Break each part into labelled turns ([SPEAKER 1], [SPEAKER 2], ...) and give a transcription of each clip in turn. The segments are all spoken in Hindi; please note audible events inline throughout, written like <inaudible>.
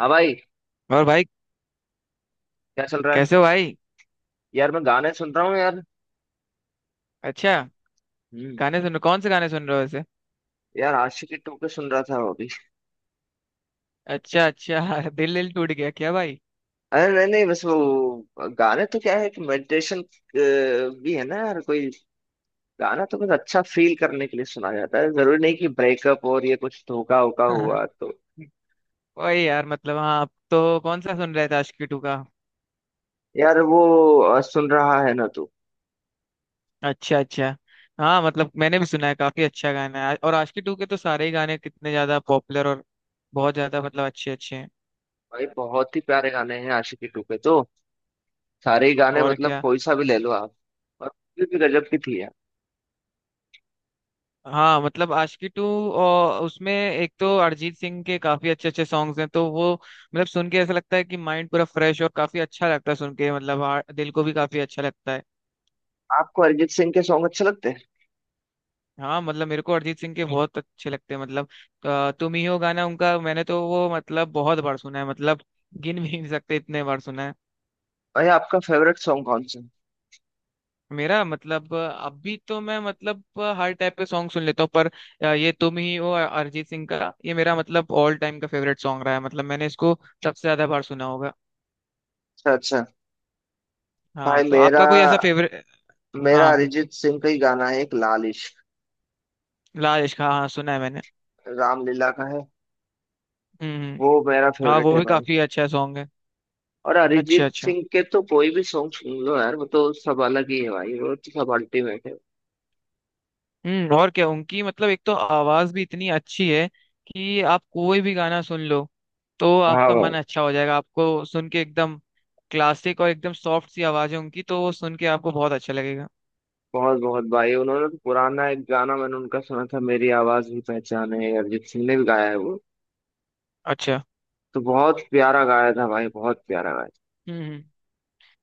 [SPEAKER 1] हाँ भाई।
[SPEAKER 2] और भाई,
[SPEAKER 1] क्या चल रहा
[SPEAKER 2] कैसे
[SPEAKER 1] है?
[SPEAKER 2] हो भाई।
[SPEAKER 1] यार मैं गाने सुन रहा हूँ यार।
[SPEAKER 2] अच्छा।
[SPEAKER 1] हम्म।
[SPEAKER 2] कौन से गाने सुन रहे हो वैसे?
[SPEAKER 1] यार आशिकी 2 के सुन रहा था अभी।
[SPEAKER 2] अच्छा अच्छा। <laughs> दिल दिल टूट गया क्या, भाई?
[SPEAKER 1] अरे नहीं नहीं बस वो गाने तो क्या है कि मेडिटेशन भी है ना यार, कोई गाना तो कुछ अच्छा फील करने के लिए सुना जाता है, जरूरी नहीं कि ब्रेकअप और ये कुछ धोखा वोखा हुआ
[SPEAKER 2] <laughs>
[SPEAKER 1] तो।
[SPEAKER 2] वही यार, मतलब हाँ, आप तो कौन सा सुन रहे थे आशिकी टू का?
[SPEAKER 1] यार वो सुन रहा है ना तू।
[SPEAKER 2] अच्छा अच्छा। हाँ मतलब, मैंने भी सुना है, काफी अच्छा गाना है और आशिकी टू के तो सारे ही गाने कितने ज्यादा पॉपुलर और बहुत ज्यादा मतलब अच्छे अच्छे हैं।
[SPEAKER 1] भाई बहुत ही प्यारे गाने हैं आशिकी 2 के तो। सारे ही गाने
[SPEAKER 2] और
[SPEAKER 1] मतलब
[SPEAKER 2] क्या।
[SPEAKER 1] कोई सा भी ले लो आप। और फिर भी गजब की थी यार।
[SPEAKER 2] हाँ मतलब आशिकी टू। और उसमें एक तो अरिजीत सिंह के काफी अच्छे अच्छे सॉन्ग्स हैं, तो वो मतलब सुन के ऐसा लगता है कि माइंड पूरा फ्रेश और काफी अच्छा लगता है सुन के, मतलब हाँ, दिल को भी काफी अच्छा लगता है।
[SPEAKER 1] आपको अरिजीत सिंह के सॉन्ग अच्छे लगते हैं?
[SPEAKER 2] हाँ मतलब, मेरे को अरिजीत सिंह के बहुत अच्छे लगते हैं, मतलब तुम ही हो गाना उनका, मैंने तो वो मतलब बहुत बार सुना है, मतलब गिन भी नहीं सकते इतने बार सुना है।
[SPEAKER 1] भाई आपका फेवरेट सॉन्ग कौन सा है?
[SPEAKER 2] मेरा मतलब अभी तो मैं, मतलब हर टाइप के सॉन्ग सुन लेता हूँ, पर ये तुम ही हो अरिजीत सिंह का, ये मेरा मतलब ऑल टाइम का फेवरेट सॉन्ग रहा है, मतलब मैंने इसको सबसे ज्यादा बार सुना होगा।
[SPEAKER 1] अच्छा अच्छा।
[SPEAKER 2] हाँ
[SPEAKER 1] भाई
[SPEAKER 2] तो
[SPEAKER 1] मेरा
[SPEAKER 2] आपका कोई ऐसा फेवरेट?
[SPEAKER 1] मेरा
[SPEAKER 2] हाँ,
[SPEAKER 1] अरिजीत सिंह का ही गाना है, एक लाल इश्क,
[SPEAKER 2] लाल इश्क, हाँ हाँ सुना है मैंने।
[SPEAKER 1] रामलीला का है।
[SPEAKER 2] हम्म।
[SPEAKER 1] वो मेरा
[SPEAKER 2] हाँ,
[SPEAKER 1] फेवरेट
[SPEAKER 2] वो
[SPEAKER 1] है
[SPEAKER 2] भी
[SPEAKER 1] भाई।
[SPEAKER 2] काफी अच्छा सॉन्ग है।
[SPEAKER 1] और
[SPEAKER 2] अच्छा
[SPEAKER 1] अरिजीत
[SPEAKER 2] अच्छा।
[SPEAKER 1] सिंह के तो कोई भी सॉन्ग सुन लो यार, वो तो सब अलग ही है भाई, वो तो सब अल्टीमेट है।
[SPEAKER 2] और क्या, उनकी मतलब एक तो आवाज भी इतनी अच्छी है कि आप कोई भी गाना सुन लो तो
[SPEAKER 1] हाँ
[SPEAKER 2] आपका
[SPEAKER 1] भाई।
[SPEAKER 2] मन अच्छा हो जाएगा, आपको सुन के एकदम क्लासिक और एकदम सॉफ्ट सी आवाज है उनकी, तो वो सुन के आपको बहुत अच्छा लगेगा।
[SPEAKER 1] बहुत बहुत भाई, उन्होंने तो पुराना एक गाना मैंने उनका सुना था, मेरी आवाज भी पहचान है, अरिजीत सिंह ने भी गाया है वो,
[SPEAKER 2] अच्छा।
[SPEAKER 1] तो बहुत प्यारा गाया था भाई, बहुत प्यारा गाया
[SPEAKER 2] हम्म हम्म।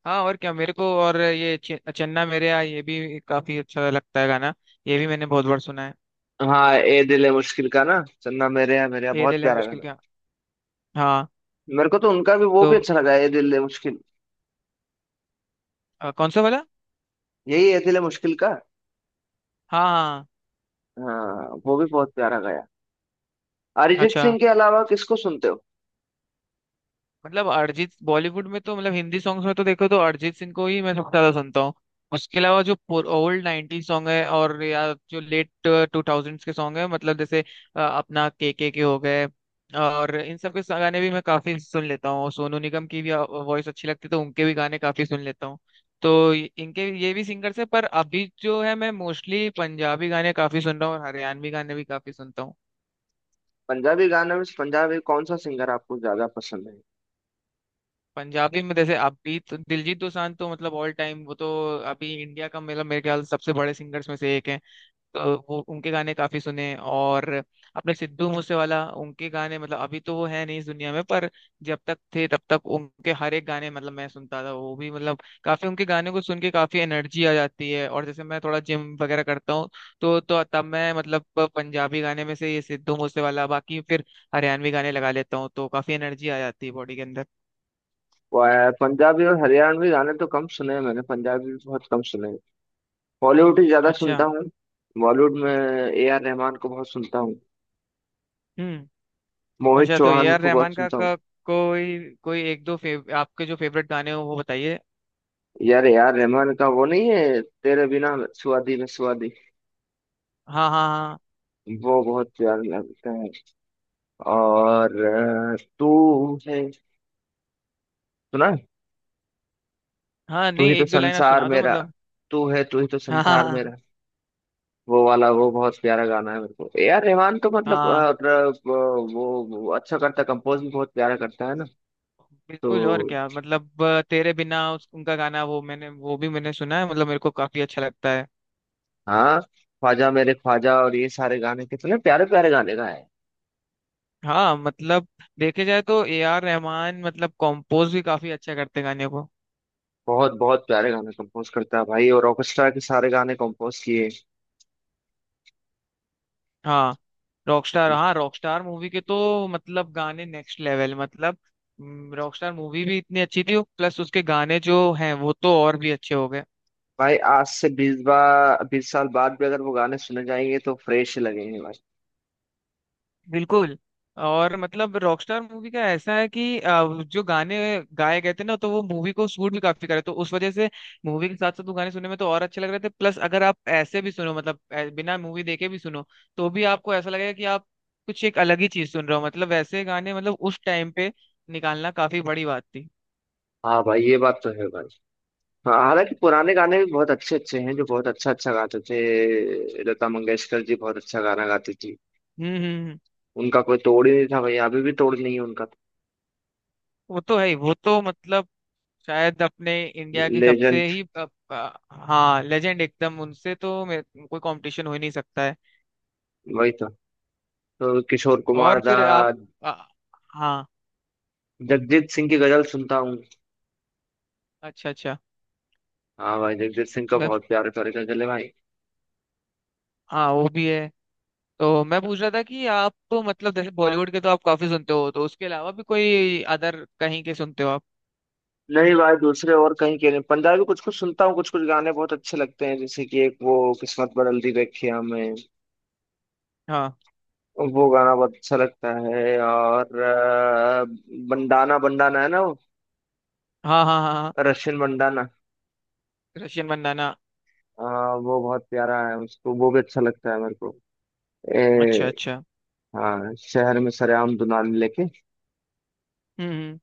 [SPEAKER 2] हाँ और क्या, मेरे को, और ये चन्ना मेरे आ, ये भी काफी अच्छा लगता है गाना। ये भी मैंने बहुत बार सुना है।
[SPEAKER 1] था। हाँ, ए दिल है मुश्किल का ना, चन्ना मेरे या मेरे यहाँ,
[SPEAKER 2] ये
[SPEAKER 1] बहुत
[SPEAKER 2] दिल है
[SPEAKER 1] प्यारा
[SPEAKER 2] मुश्किल
[SPEAKER 1] गाना।
[SPEAKER 2] क्या? हाँ
[SPEAKER 1] मेरे को तो उनका भी वो
[SPEAKER 2] तो
[SPEAKER 1] भी अच्छा लगा, ए दिल है मुश्किल।
[SPEAKER 2] कौन सा वाला?
[SPEAKER 1] यही ए दिल है मुश्किल का।
[SPEAKER 2] हाँ हाँ।
[SPEAKER 1] हाँ, वो भी बहुत प्यारा गाया। अरिजीत
[SPEAKER 2] अच्छा।
[SPEAKER 1] सिंह के अलावा किसको सुनते हो?
[SPEAKER 2] मतलब अरिजीत बॉलीवुड में तो, मतलब हिंदी सॉन्ग्स में तो देखो तो अरिजीत सिंह को ही मैं सबसे ज्यादा सुनता हूँ। उसके अलावा जो ओल्ड नाइनटी सॉन्ग है और या जो लेट टू थाउजेंड्स के सॉन्ग है, मतलब जैसे अपना के हो गए, और इन सब के गाने भी मैं काफी सुन लेता हूँ। सोनू निगम की भी वॉइस अच्छी लगती है, तो उनके भी गाने काफी सुन लेता हूँ। तो इनके ये भी सिंगर्स है, पर अभी जो है मैं मोस्टली पंजाबी गाने काफी सुन रहा हूँ और हरियाणवी गाने भी काफी सुनता हूँ।
[SPEAKER 1] पंजाबी गाने में से पंजाबी कौन सा सिंगर आपको ज्यादा पसंद है?
[SPEAKER 2] पंजाबी में जैसे अभी तो दिलजीत दोसांझ, तो मतलब ऑल टाइम, वो तो अभी इंडिया का मतलब मेरे ख्याल से सबसे बड़े सिंगर्स में से एक हैं, तो वो उनके गाने काफी सुने। और अपने सिद्धू मूसेवाला, उनके गाने मतलब अभी तो वो है नहीं इस दुनिया में, पर जब तक थे तब तक उनके हर एक गाने मतलब मैं सुनता था, वो भी मतलब काफी, उनके गाने को सुन के काफी एनर्जी आ जाती है, और जैसे मैं थोड़ा जिम वगैरह करता हूँ, तो तब मैं, मतलब पंजाबी गाने में से ये सिद्धू मूसेवाला, बाकी फिर हरियाणवी गाने लगा लेता हूँ, तो काफी एनर्जी आ जाती है बॉडी के अंदर।
[SPEAKER 1] पंजाबी और हरियाणवी गाने तो कम सुने हैं मैंने, पंजाबी भी बहुत कम सुने हैं। बॉलीवुड ही ज्यादा सुनता
[SPEAKER 2] अच्छा।
[SPEAKER 1] हूँ। बॉलीवुड में ए आर रहमान को बहुत सुनता हूँ।
[SPEAKER 2] हम्म।
[SPEAKER 1] मोहित
[SPEAKER 2] अच्छा, तो ए
[SPEAKER 1] चौहान
[SPEAKER 2] आर
[SPEAKER 1] को बहुत
[SPEAKER 2] रहमान का,
[SPEAKER 1] सुनता हूँ।
[SPEAKER 2] का कोई कोई एक दो फेव, आपके जो फेवरेट गाने हो वो बताइए।
[SPEAKER 1] यार ए आर रहमान का, वो नहीं है तेरे बिना, सुआदी में सुआदी।
[SPEAKER 2] हाँ हाँ हाँ।
[SPEAKER 1] वो बहुत प्यारा लगता है। और तू है, सुना?
[SPEAKER 2] हाँ
[SPEAKER 1] तू
[SPEAKER 2] नहीं,
[SPEAKER 1] ही तो
[SPEAKER 2] एक दो लाइन आप
[SPEAKER 1] संसार
[SPEAKER 2] सुना दो
[SPEAKER 1] मेरा,
[SPEAKER 2] मतलब।
[SPEAKER 1] तू है तू ही तो
[SPEAKER 2] हाँ हाँ
[SPEAKER 1] संसार
[SPEAKER 2] हाँ
[SPEAKER 1] मेरा। वो वाला वो बहुत प्यारा गाना है मेरे को। ए आर रहमान तो मतलब
[SPEAKER 2] हाँ।
[SPEAKER 1] वो अच्छा करता है, कंपोज भी बहुत प्यारा करता है ना।
[SPEAKER 2] बिल्कुल, और
[SPEAKER 1] तो
[SPEAKER 2] क्या मतलब, तेरे बिना, उनका गाना वो, मैंने वो भी मैंने सुना है, मतलब मेरे को काफी अच्छा लगता है।
[SPEAKER 1] हाँ, ख्वाजा मेरे ख्वाजा, और ये सारे गाने कितने प्यारे प्यारे गाने गाए हैं।
[SPEAKER 2] हाँ मतलब, देखे जाए तो ए आर रहमान मतलब कंपोज भी काफी अच्छा करते हैं गाने को।
[SPEAKER 1] बहुत बहुत प्यारे गाने कंपोज करता है भाई, और ऑर्केस्ट्रा के सारे गाने कंपोज किए।
[SPEAKER 2] हाँ रॉकस्टार, हाँ रॉकस्टार मूवी के तो मतलब गाने नेक्स्ट लेवल, मतलब रॉकस्टार मूवी भी इतनी अच्छी थी, प्लस उसके गाने जो हैं वो तो और भी अच्छे हो गए।
[SPEAKER 1] भाई आज से 20 बार 20 साल बाद भी अगर वो गाने सुने जाएंगे तो फ्रेश लगेंगे भाई।
[SPEAKER 2] बिल्कुल। और मतलब रॉकस्टार मूवी का ऐसा है कि जो गाने गाए गए थे ना, तो वो मूवी को सूट भी काफी करे, तो उस वजह से मूवी के साथ साथ वो गाने सुनने में तो और अच्छे लग रहे थे, प्लस अगर आप ऐसे भी सुनो, मतलब बिना मूवी देखे भी सुनो तो भी आपको ऐसा लगेगा कि आप कुछ एक अलग ही चीज सुन रहे हो, मतलब वैसे गाने मतलब उस टाइम पे निकालना काफी बड़ी बात थी।
[SPEAKER 1] हाँ भाई ये बात तो है भाई। हाँ हालांकि पुराने गाने भी बहुत अच्छे अच्छे हैं, जो बहुत अच्छा अच्छा गाते थे, लता मंगेशकर जी बहुत अच्छा गाना गाती थी।
[SPEAKER 2] हम्म हम्म हम्म।
[SPEAKER 1] उनका कोई तोड़ ही नहीं था भाई, अभी भी तोड़ नहीं है उनका।
[SPEAKER 2] वो तो है ही, वो तो मतलब शायद अपने इंडिया की
[SPEAKER 1] लेजेंड
[SPEAKER 2] सबसे ही हाँ लेजेंड एकदम, उनसे तो कोई कंपटीशन हो ही नहीं सकता है।
[SPEAKER 1] वही था। तो किशोर कुमार
[SPEAKER 2] और
[SPEAKER 1] दा,
[SPEAKER 2] फिर आप अ, हाँ।
[SPEAKER 1] जगजीत सिंह की गजल सुनता हूँ।
[SPEAKER 2] अच्छा अच्छा।
[SPEAKER 1] हाँ भाई, जगजीत सिंह का
[SPEAKER 2] मैं।
[SPEAKER 1] बहुत प्यारे प्यारे गजल है भाई।
[SPEAKER 2] हाँ वो भी है। तो मैं पूछ रहा था कि आप तो मतलब जैसे बॉलीवुड के तो आप काफी सुनते हो, तो उसके अलावा भी कोई अदर कहीं के सुनते हो आप?
[SPEAKER 1] नहीं भाई, दूसरे और कहीं के नहीं, पंजाबी कुछ कुछ सुनता हूँ। कुछ कुछ गाने बहुत अच्छे लगते हैं, जैसे कि एक वो किस्मत बदल दी देखी हमें।
[SPEAKER 2] हाँ
[SPEAKER 1] वो गाना बहुत अच्छा लगता है। और बंडाना, बंडाना है ना,
[SPEAKER 2] हाँ हाँ हाँ, हाँ,
[SPEAKER 1] रशियन बंडाना।
[SPEAKER 2] रशियन मंदाना।
[SPEAKER 1] वो बहुत प्यारा है उसको, वो भी अच्छा लगता है मेरे को।
[SPEAKER 2] अच्छा
[SPEAKER 1] ए,
[SPEAKER 2] अच्छा।
[SPEAKER 1] हाँ, शहर में सरेआम दुनाने लेके
[SPEAKER 2] हम्म हम्म।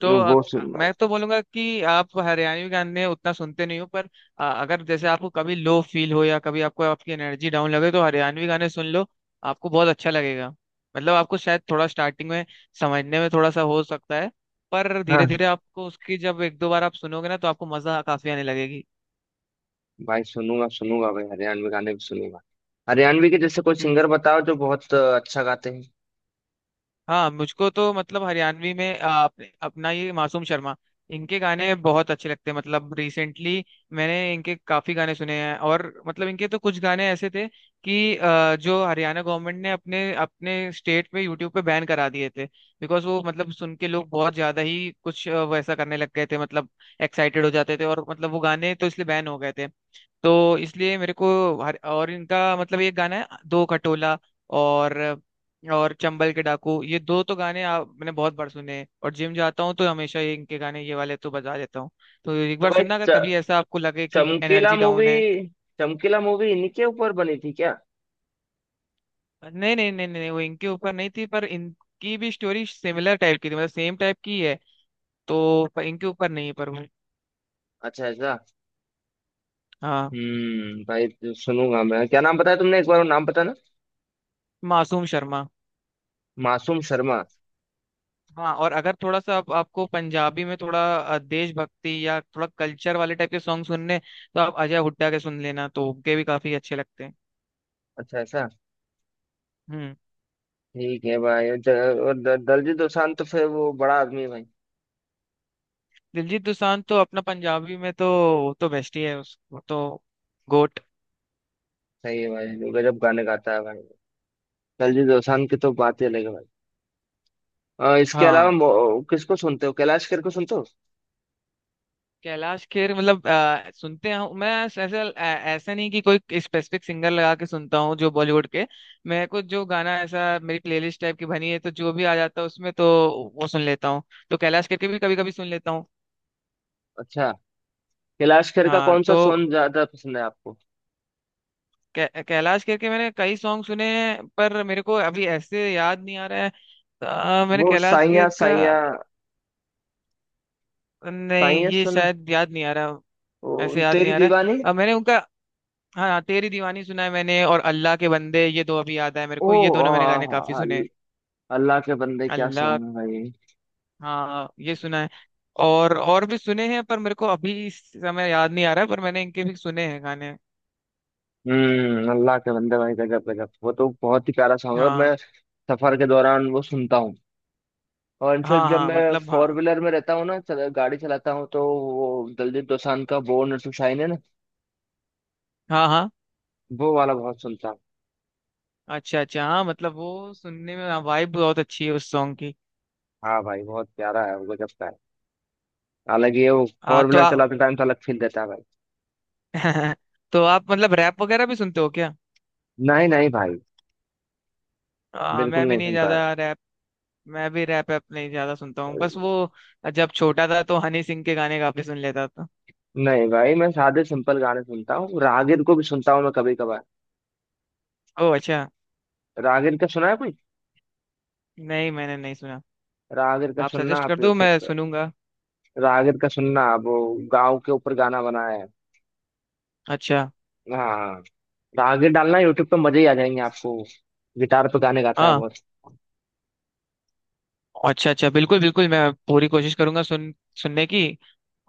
[SPEAKER 2] तो
[SPEAKER 1] यूं, वो सुनना।
[SPEAKER 2] मैं तो बोलूंगा कि आप हरियाणवी गाने उतना सुनते नहीं हो, पर अगर जैसे आपको कभी लो फील हो या कभी आपको आपकी एनर्जी डाउन लगे तो हरियाणवी गाने सुन लो, आपको बहुत अच्छा लगेगा। मतलब आपको शायद थोड़ा स्टार्टिंग में समझने में थोड़ा सा हो सकता है, पर धीरे
[SPEAKER 1] हाँ
[SPEAKER 2] धीरे आपको उसकी, जब एक दो बार आप सुनोगे ना तो आपको मजा काफी आने लगेगी।
[SPEAKER 1] भाई, सुनूंगा सुनूंगा भाई, हरियाणवी गाने भी सुनूंगा। हरियाणवी के जैसे कोई
[SPEAKER 2] हम्म।
[SPEAKER 1] सिंगर बताओ जो बहुत अच्छा गाते हैं।
[SPEAKER 2] हाँ, मुझको तो मतलब हरियाणवी में अपना ये मासूम शर्मा, इनके गाने बहुत अच्छे लगते हैं, मतलब रिसेंटली मैंने इनके काफी गाने सुने हैं। और मतलब इनके तो कुछ गाने ऐसे थे कि जो हरियाणा गवर्नमेंट ने अपने अपने स्टेट में यूट्यूब पे बैन करा दिए थे, बिकॉज वो मतलब सुन के लोग बहुत ज्यादा ही कुछ वैसा करने लग गए थे, मतलब एक्साइटेड हो जाते थे, और मतलब वो गाने तो इसलिए बैन हो गए थे। तो इसलिए मेरे को, हर, और इनका मतलब ये गाना है दो खटोला, और और चंबल के डाकू, ये दो तो गाने आप, मैंने बहुत बार सुने हैं, और जिम जाता हूँ तो हमेशा ये इनके गाने ये वाले तो बजा देता हूँ। तो एक
[SPEAKER 1] तो
[SPEAKER 2] बार
[SPEAKER 1] भाई
[SPEAKER 2] सुनना, अगर कभी ऐसा आपको लगे कि
[SPEAKER 1] चमकीला
[SPEAKER 2] एनर्जी डाउन
[SPEAKER 1] मूवी,
[SPEAKER 2] है।
[SPEAKER 1] चमकीला मूवी इन्हीं के ऊपर बनी थी क्या?
[SPEAKER 2] नहीं नहीं नहीं नहीं, वो इनके ऊपर नहीं थी, पर इनकी भी स्टोरी सिमिलर टाइप की थी, मतलब सेम टाइप की है, तो पर इनके ऊपर नहीं, पर वो।
[SPEAKER 1] अच्छा ऐसा।
[SPEAKER 2] हाँ।
[SPEAKER 1] भाई, सुनूंगा मैं। क्या नाम बताया तुमने, एक बार वो नाम बताना।
[SPEAKER 2] मासूम शर्मा।
[SPEAKER 1] मासूम शर्मा।
[SPEAKER 2] हाँ, और अगर थोड़ा सा आपको पंजाबी में थोड़ा देशभक्ति या थोड़ा कल्चर वाले टाइप के सॉन्ग सुनने हैं, तो आप अजय हुड्डा के सुन लेना, तो उनके भी काफी अच्छे लगते हैं।
[SPEAKER 1] अच्छा ऐसा।
[SPEAKER 2] हम्म।
[SPEAKER 1] ठीक है भाई। और दलजीत दोसांझ तो फिर वो बड़ा आदमी है भाई।
[SPEAKER 2] दिलजीत दोसांझ तो अपना पंजाबी में तो, वो तो बेस्ट ही है, उसको तो गोट।
[SPEAKER 1] सही है भाई, वो गजब गाने गाता है भाई। दलजीत दोसांझ की तो बात ही अलग है भाई। इसके अलावा
[SPEAKER 2] हाँ।
[SPEAKER 1] किसको सुनते हो, कैलाश खेर को सुनते हो?
[SPEAKER 2] कैलाश खेर मतलब सुनते हैं, मैं ऐसे ऐसा, ऐसा नहीं कि कोई स्पेसिफिक सिंगर लगा के सुनता हूँ, जो बॉलीवुड के मेरे को जो गाना ऐसा, मेरी प्लेलिस्ट टाइप की बनी है तो जो भी आ जाता है उसमें तो वो सुन लेता हूँ, तो कैलाश खेर के भी कभी कभी सुन लेता हूँ।
[SPEAKER 1] अच्छा। कैलाश खेर का
[SPEAKER 2] हाँ
[SPEAKER 1] कौन सा
[SPEAKER 2] तो
[SPEAKER 1] सॉन्ग ज्यादा पसंद है आपको?
[SPEAKER 2] कैलाश खेर के मैंने कई सॉन्ग सुने हैं, पर मेरे को अभी ऐसे याद नहीं आ रहा है। मैंने
[SPEAKER 1] वो
[SPEAKER 2] कैलाश
[SPEAKER 1] साइया
[SPEAKER 2] खेर का।
[SPEAKER 1] साइया,
[SPEAKER 2] नहीं,
[SPEAKER 1] साइया
[SPEAKER 2] ये
[SPEAKER 1] सुना?
[SPEAKER 2] शायद याद नहीं आ रहा।
[SPEAKER 1] ओ,
[SPEAKER 2] ऐसे याद
[SPEAKER 1] तेरी
[SPEAKER 2] नहीं आ रहा है।
[SPEAKER 1] दीवानी।
[SPEAKER 2] मैंने उनका। हाँ हाँ, तेरी दीवानी सुना है मैंने, और अल्लाह के बंदे, ये दो अभी याद आए मेरे
[SPEAKER 1] ओ
[SPEAKER 2] को, ये दोनों मैंने गाने काफी
[SPEAKER 1] आ,
[SPEAKER 2] सुने
[SPEAKER 1] अल-
[SPEAKER 2] हैं।
[SPEAKER 1] अल्लाह के बंदे क्या
[SPEAKER 2] अल्लाह।
[SPEAKER 1] सॉन्ग है भाई।
[SPEAKER 2] हाँ, ये सुना है, और भी सुने हैं, पर मेरे को अभी इस समय याद नहीं आ रहा है, पर मैंने इनके भी सुने हैं गाने।
[SPEAKER 1] हम्म, अल्लाह के बंदे भाई, गजब गजब, वो तो बहुत ही प्यारा सॉन्ग है, और
[SPEAKER 2] हाँ
[SPEAKER 1] मैं सफर के दौरान वो सुनता हूँ। और इनफेक्ट
[SPEAKER 2] हाँ
[SPEAKER 1] जब
[SPEAKER 2] हाँ
[SPEAKER 1] मैं
[SPEAKER 2] मतलब
[SPEAKER 1] फोर
[SPEAKER 2] हाँ
[SPEAKER 1] व्हीलर में रहता हूँ ना, गाड़ी चलाता हूँ, तो वो दलजीत दोसांझ का बोर्न टू शाइन है ना,
[SPEAKER 2] हाँ हाँ।
[SPEAKER 1] वो वाला बहुत सुनता हूँ।
[SPEAKER 2] अच्छा अच्छा। हाँ मतलब, वो सुनने में वाइब बहुत अच्छी है उस सॉन्ग की।
[SPEAKER 1] हाँ भाई, बहुत प्यारा है वो, गजब का है। हालांकि ये, वो
[SPEAKER 2] हाँ
[SPEAKER 1] फोर
[SPEAKER 2] तो
[SPEAKER 1] व्हीलर
[SPEAKER 2] आप।
[SPEAKER 1] चलाते टाइम तो अलग फील देता है भाई।
[SPEAKER 2] <laughs> तो आप मतलब रैप वगैरह भी सुनते हो क्या?
[SPEAKER 1] नहीं नहीं भाई,
[SPEAKER 2] मैं
[SPEAKER 1] बिल्कुल
[SPEAKER 2] भी
[SPEAKER 1] नहीं
[SPEAKER 2] नहीं
[SPEAKER 1] सुनता
[SPEAKER 2] ज्यादा
[SPEAKER 1] है।
[SPEAKER 2] रैप। मैं भी रैप ऐप नहीं ज्यादा सुनता हूँ, बस वो जब छोटा था तो हनी सिंह के गाने काफी सुन लेता था।
[SPEAKER 1] नहीं भाई, मैं सादे सिंपल गाने सुनता हूँ, रागिर को भी सुनता हूँ मैं कभी कभार।
[SPEAKER 2] ओह अच्छा।
[SPEAKER 1] रागिर का सुना है कोई?
[SPEAKER 2] नहीं मैंने नहीं सुना।
[SPEAKER 1] रागिर का
[SPEAKER 2] आप
[SPEAKER 1] सुनना
[SPEAKER 2] सजेस्ट
[SPEAKER 1] आप
[SPEAKER 2] कर दो,
[SPEAKER 1] यूट्यूब
[SPEAKER 2] मैं
[SPEAKER 1] पे।
[SPEAKER 2] सुनूंगा।
[SPEAKER 1] रागिर का सुनना, वो गाँव के ऊपर गाना बनाया है।
[SPEAKER 2] अच्छा।
[SPEAKER 1] हाँ हाँ। आगे डालना यूट्यूब पे, मजे ही आ जाएंगे आपको। गिटार पे गाने गाता है
[SPEAKER 2] हाँ।
[SPEAKER 1] बहुत।
[SPEAKER 2] अच्छा अच्छा, बिल्कुल बिल्कुल, मैं पूरी कोशिश करूंगा सुनने की।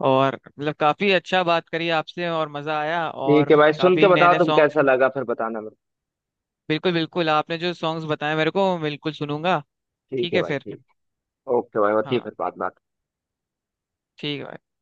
[SPEAKER 2] और मतलब काफी अच्छा बात करी आपसे, और मजा आया,
[SPEAKER 1] ठीक है
[SPEAKER 2] और
[SPEAKER 1] भाई, सुन
[SPEAKER 2] काफी
[SPEAKER 1] के
[SPEAKER 2] नए
[SPEAKER 1] बताओ
[SPEAKER 2] नए
[SPEAKER 1] तुम
[SPEAKER 2] सॉन्ग।
[SPEAKER 1] कैसा लगा, फिर बताना मेरे
[SPEAKER 2] बिल्कुल बिल्कुल, आपने जो सॉन्ग्स बताए मेरे को बिल्कुल सुनूंगा।
[SPEAKER 1] को। ठीक
[SPEAKER 2] ठीक
[SPEAKER 1] है
[SPEAKER 2] है
[SPEAKER 1] भाई,
[SPEAKER 2] फिर।
[SPEAKER 1] ठीक। ओके भाई, होती है
[SPEAKER 2] हाँ
[SPEAKER 1] फिर बात बात।
[SPEAKER 2] ठीक है भाई।